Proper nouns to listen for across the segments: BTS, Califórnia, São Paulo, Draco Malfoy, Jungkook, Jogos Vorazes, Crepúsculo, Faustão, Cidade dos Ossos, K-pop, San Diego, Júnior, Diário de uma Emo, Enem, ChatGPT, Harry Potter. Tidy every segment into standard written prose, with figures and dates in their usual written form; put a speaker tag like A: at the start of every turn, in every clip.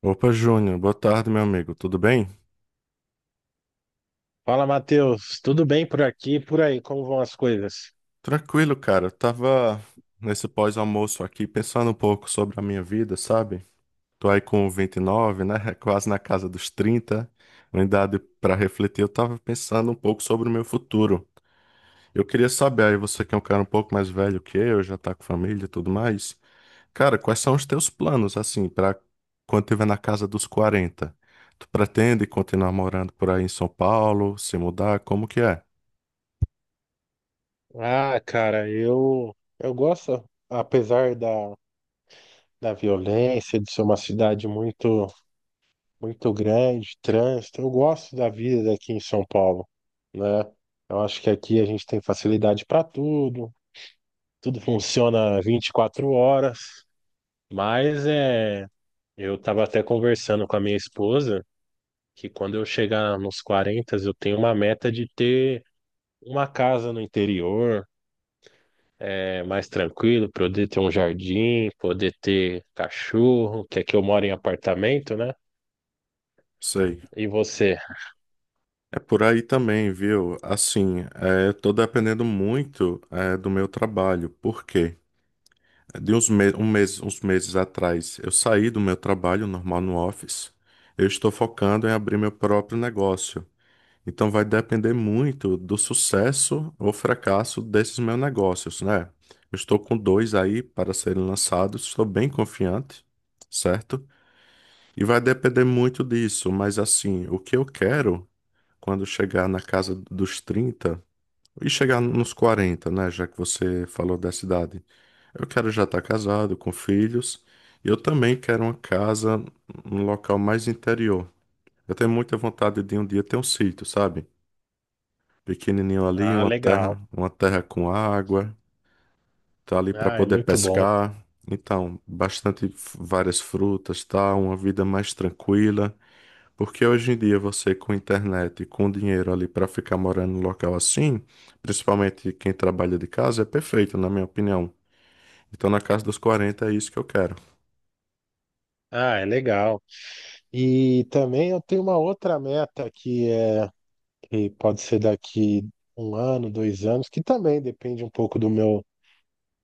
A: Opa, Júnior, boa tarde, meu amigo. Tudo bem?
B: Fala, Matheus. Tudo bem por aqui e por aí? Como vão as coisas?
A: Tranquilo, cara. Eu tava nesse pós-almoço aqui pensando um pouco sobre a minha vida, sabe? Tô aí com 29, né? Quase na casa dos 30, uma idade pra refletir. Eu tava pensando um pouco sobre o meu futuro. Eu queria saber, aí você que é um cara um pouco mais velho que eu, já tá com família e tudo mais. Cara, quais são os teus planos, assim, pra quando tiver na casa dos 40? Tu pretende continuar morando por aí em São Paulo, se mudar? Como que é?
B: Ah, cara, eu gosto, apesar da violência, de ser uma cidade muito muito grande, trânsito. Eu gosto da vida daqui em São Paulo, né? Eu acho que aqui a gente tem facilidade para tudo, tudo funciona 24 horas, mas eu estava até conversando com a minha esposa que quando eu chegar nos 40, eu tenho uma meta de ter uma casa no interior, mais tranquilo, poder ter um jardim, poder ter cachorro, que aqui eu moro em apartamento, né?
A: Sei.
B: E você?
A: É por aí também, viu? Assim, eu tô dependendo muito do meu trabalho. Por quê? É, De uns, me um mês, uns meses atrás, eu saí do meu trabalho normal no office. Eu estou focando em abrir meu próprio negócio. Então vai depender muito do sucesso ou fracasso desses meus negócios, né? Eu estou com dois aí para serem lançados, estou bem confiante, certo? E vai depender muito disso, mas assim, o que eu quero. Quando chegar na casa dos 30 e chegar nos 40, né? Já que você falou dessa idade. Eu quero já estar casado, com filhos. E eu também quero uma casa num local mais interior. Eu tenho muita vontade de um dia ter um sítio, sabe? Pequenininho ali,
B: Ah, legal.
A: uma terra com água, tá ali para
B: Ah, é
A: poder
B: muito bom.
A: pescar. Então, várias frutas, tá? Uma vida mais tranquila. Porque hoje em dia você com internet, com dinheiro ali para ficar morando num local assim, principalmente quem trabalha de casa, é perfeito, na minha opinião. Então na casa dos 40 é isso que eu quero.
B: Ah, é legal. E também eu tenho uma outra meta que pode ser daqui um ano, 2 anos, que também depende um pouco do meu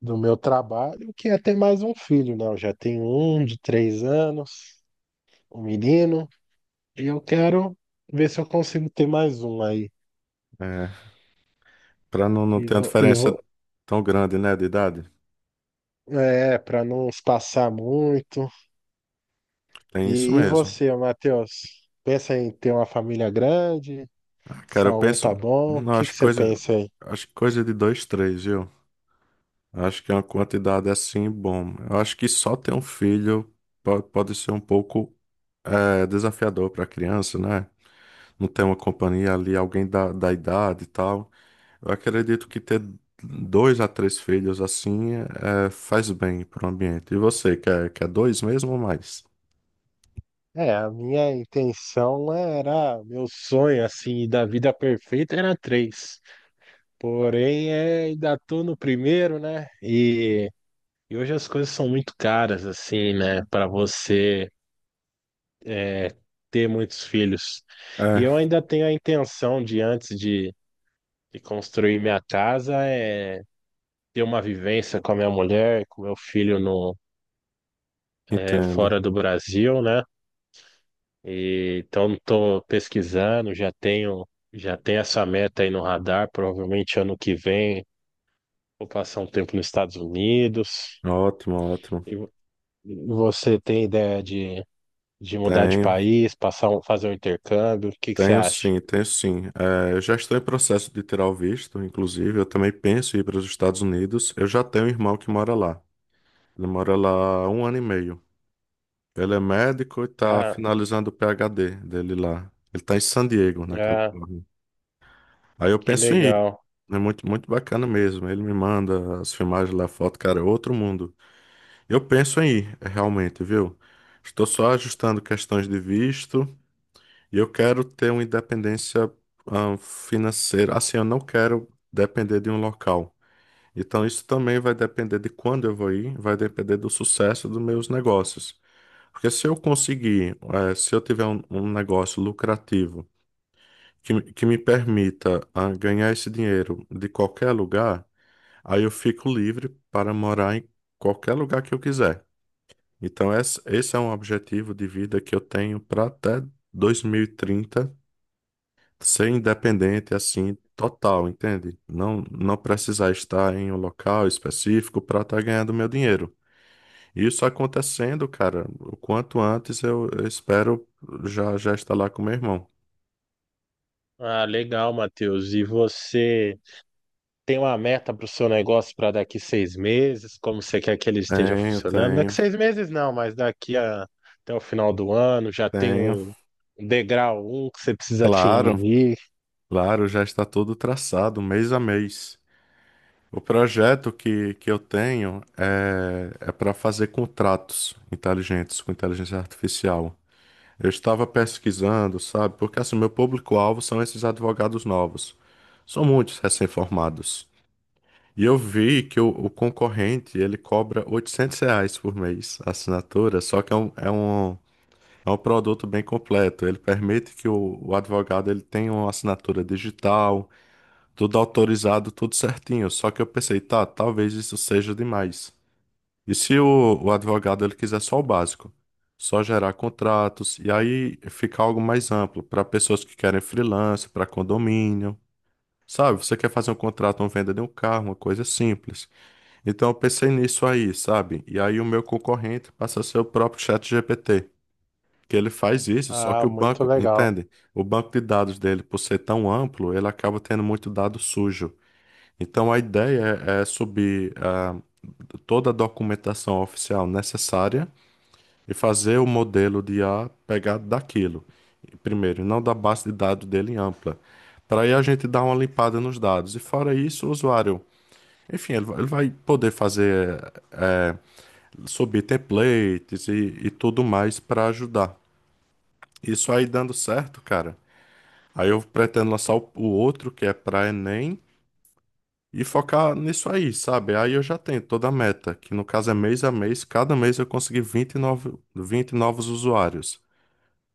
B: do meu trabalho, que é ter mais um filho, né? Eu já tenho um de 3 anos, um menino, e eu quero ver se eu consigo ter mais um aí.
A: É, para não, não
B: E
A: ter uma
B: vou, e vou,
A: diferença tão grande, né, de idade.
B: é, para não espaçar muito.
A: Tem isso
B: E
A: mesmo.
B: você, Matheus? Pensa em ter uma família grande?
A: Ah, cara, eu
B: Só um
A: penso,
B: tá bom? O
A: não,
B: que que você pensa aí?
A: acho que coisa de dois, três, viu? Acho que é uma quantidade assim, bom. Eu acho que só ter um filho pode ser um pouco desafiador para a criança, né? Não tem uma companhia ali, alguém da, da idade e tal. Eu acredito que ter dois a três filhos assim faz bem para o ambiente. E você, quer, quer dois mesmo ou mais?
B: A minha intenção era, meu sonho assim da vida perfeita era três. Porém, ainda tô no primeiro, né? E hoje as coisas são muito caras assim, né? Para você é, ter muitos filhos. E
A: É,
B: eu ainda tenho a intenção de antes de construir minha casa é ter uma vivência com a minha mulher, com meu filho no é,
A: entendo.
B: fora do Brasil, né? E, então estou pesquisando, já tenho essa meta aí no radar, provavelmente ano que vem vou passar um tempo nos Estados Unidos.
A: Ótimo, ótimo.
B: E vo- Você tem ideia de mudar de
A: Tenho,
B: país, fazer um intercâmbio? O que que você
A: tenho
B: acha?
A: sim, tenho sim. É, eu já estou em processo de tirar o visto, inclusive. Eu também penso em ir para os Estados Unidos. Eu já tenho um irmão que mora lá. Ele mora lá há 1 ano e meio. Ele é médico e está
B: Ah,
A: finalizando o PhD dele lá. Ele está em San Diego, na
B: ah,
A: Califórnia. Aí eu
B: que
A: penso em ir.
B: legal.
A: É muito, muito bacana mesmo. Ele me manda as filmagens lá, foto, cara, é outro mundo. Eu penso em ir, é, realmente, viu? Estou só ajustando questões de visto e eu quero ter uma independência, financeira. Assim, eu não quero depender de um local. Então, isso também vai depender de quando eu vou ir, vai depender do sucesso dos meus negócios. Porque se eu conseguir, se eu tiver um negócio lucrativo, que me permita ganhar esse dinheiro de qualquer lugar, aí eu fico livre para morar em qualquer lugar que eu quiser. Então, esse é um objetivo de vida que eu tenho para até 2030 ser independente assim. Total, entende? Não, não precisar estar em um local específico para estar ganhando meu dinheiro. Isso acontecendo, cara, o quanto antes eu espero já já estar lá com meu irmão.
B: Ah, legal, Matheus. E você? Tem uma meta para o seu negócio para daqui 6 meses, como você quer que ele esteja
A: Tenho,
B: funcionando. Daqui
A: tenho,
B: 6 meses não, mas até o final do ano já tem
A: tenho.
B: um degrau um que você precisa
A: Claro.
B: atingir.
A: Claro, já está todo traçado, mês a mês. O projeto que eu tenho é para fazer contratos inteligentes com inteligência artificial. Eu estava pesquisando, sabe? Porque assim, meu público-alvo são esses advogados novos. São muitos recém-formados. E eu vi que o concorrente, ele cobra R$ 800 por mês a assinatura, só que é um produto bem completo. Ele permite que o advogado ele tenha uma assinatura digital, tudo autorizado, tudo certinho. Só que eu pensei, tá, talvez isso seja demais. E se o advogado ele quiser só o básico? Só gerar contratos e aí ficar algo mais amplo para pessoas que querem freelance, para condomínio. Sabe, você quer fazer um contrato, uma venda de um carro, uma coisa simples. Então eu pensei nisso aí, sabe? E aí o meu concorrente passa a ser o próprio ChatGPT, que ele faz isso, só que
B: Ah,
A: o
B: muito
A: banco,
B: legal.
A: entende? O banco de dados dele, por ser tão amplo, ele acaba tendo muito dado sujo. Então a ideia é subir toda a documentação oficial necessária e fazer o modelo de IA pegado daquilo. Primeiro, não da base de dados dele em ampla. Para aí a gente dar uma limpada nos dados. E fora isso, o usuário, enfim, ele vai poder fazer, eh, subir templates e tudo mais para ajudar. Isso aí dando certo, cara. Aí eu pretendo lançar o outro, que é para Enem e focar nisso aí, sabe? Aí eu já tenho toda a meta, que no caso é mês a mês, cada mês eu consegui 20 novos usuários.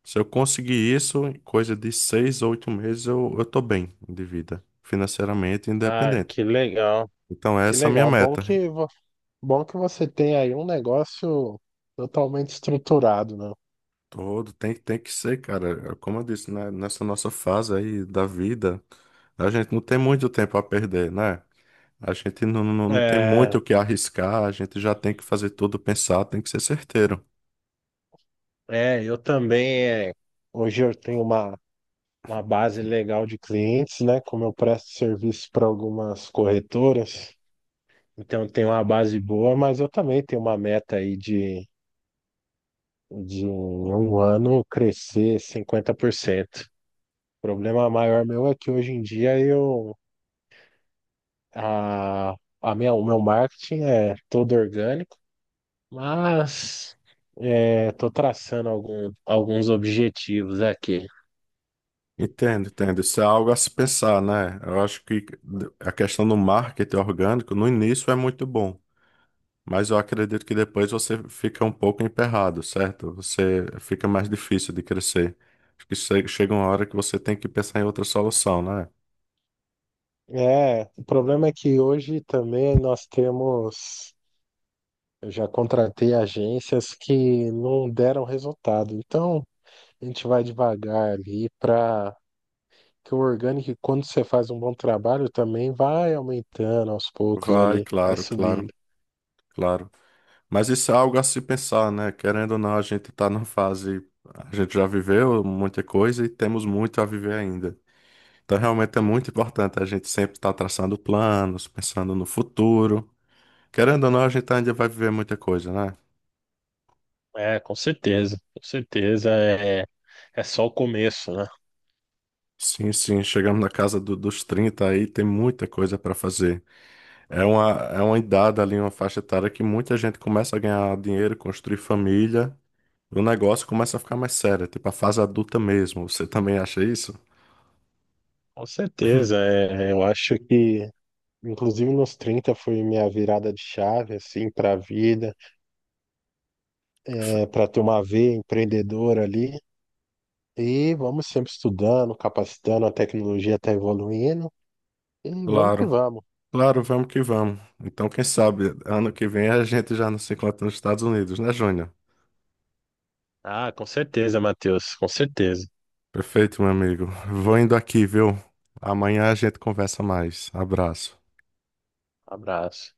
A: Se eu conseguir isso, em coisa de 6 ou 8 meses, eu tô bem de vida, financeiramente
B: Ah,
A: independente.
B: que legal,
A: Então,
B: que
A: essa é a minha
B: legal. Bom
A: meta.
B: que, vo- bom que você tem aí um negócio totalmente estruturado, né?
A: Todo Tem, tem que ser, cara. Como eu disse, né? Nessa nossa fase aí da vida, a gente não tem muito tempo a perder, né? A gente não, não, não tem muito
B: É,
A: o que arriscar, a gente já tem que fazer tudo pensar, tem que ser certeiro.
B: é, eu também. Hoje eu tenho uma base legal de clientes, né? Como eu presto serviço para algumas corretoras, então eu tenho uma base boa, mas eu também tenho uma meta aí de um ano crescer 50%. O problema maior meu é que hoje em dia eu a, o meu marketing é todo orgânico, mas estou traçando alguns objetivos aqui.
A: Entendo, entendo. Isso é algo a se pensar, né? Eu acho que a questão do marketing orgânico no início é muito bom, mas eu acredito que depois você fica um pouco emperrado, certo? Você fica mais difícil de crescer. Acho que chega uma hora que você tem que pensar em outra solução, né?
B: É, o problema é que hoje também nós temos eu já contratei agências que não deram resultado. Então, a gente vai devagar ali para que o orgânico, quando você faz um bom trabalho, também vai aumentando aos poucos
A: Vai,
B: ali, vai
A: claro, claro,
B: subindo.
A: claro. Mas isso é algo a se pensar, né? Querendo ou não, a gente está na fase, a gente já viveu muita coisa e temos muito a viver ainda. Então, realmente é muito importante a gente sempre estar traçando planos, pensando no futuro. Querendo ou não, a gente ainda vai viver muita coisa, né?
B: É, com certeza é só o começo, né?
A: Sim, sim, chegamos na casa dos 30 aí, tem muita coisa para fazer. É uma idade ali, uma faixa etária que muita gente começa a ganhar dinheiro, construir família, e o negócio começa a ficar mais sério, tipo a fase adulta mesmo. Você também acha isso?
B: Com certeza, eu acho que inclusive, nos 30 foi minha virada de chave, assim, para a vida, para ter uma veia empreendedora ali. E vamos sempre estudando, capacitando, a tecnologia está evoluindo. E vamos que
A: Claro,
B: vamos.
A: claro, vamos que vamos. Então, quem sabe, ano que vem a gente já não se encontra nos Estados Unidos, né, Júnior?
B: Ah, com certeza, Matheus, com certeza.
A: Perfeito, meu amigo. Vou indo aqui, viu? Amanhã a gente conversa mais. Abraço.
B: Abraço.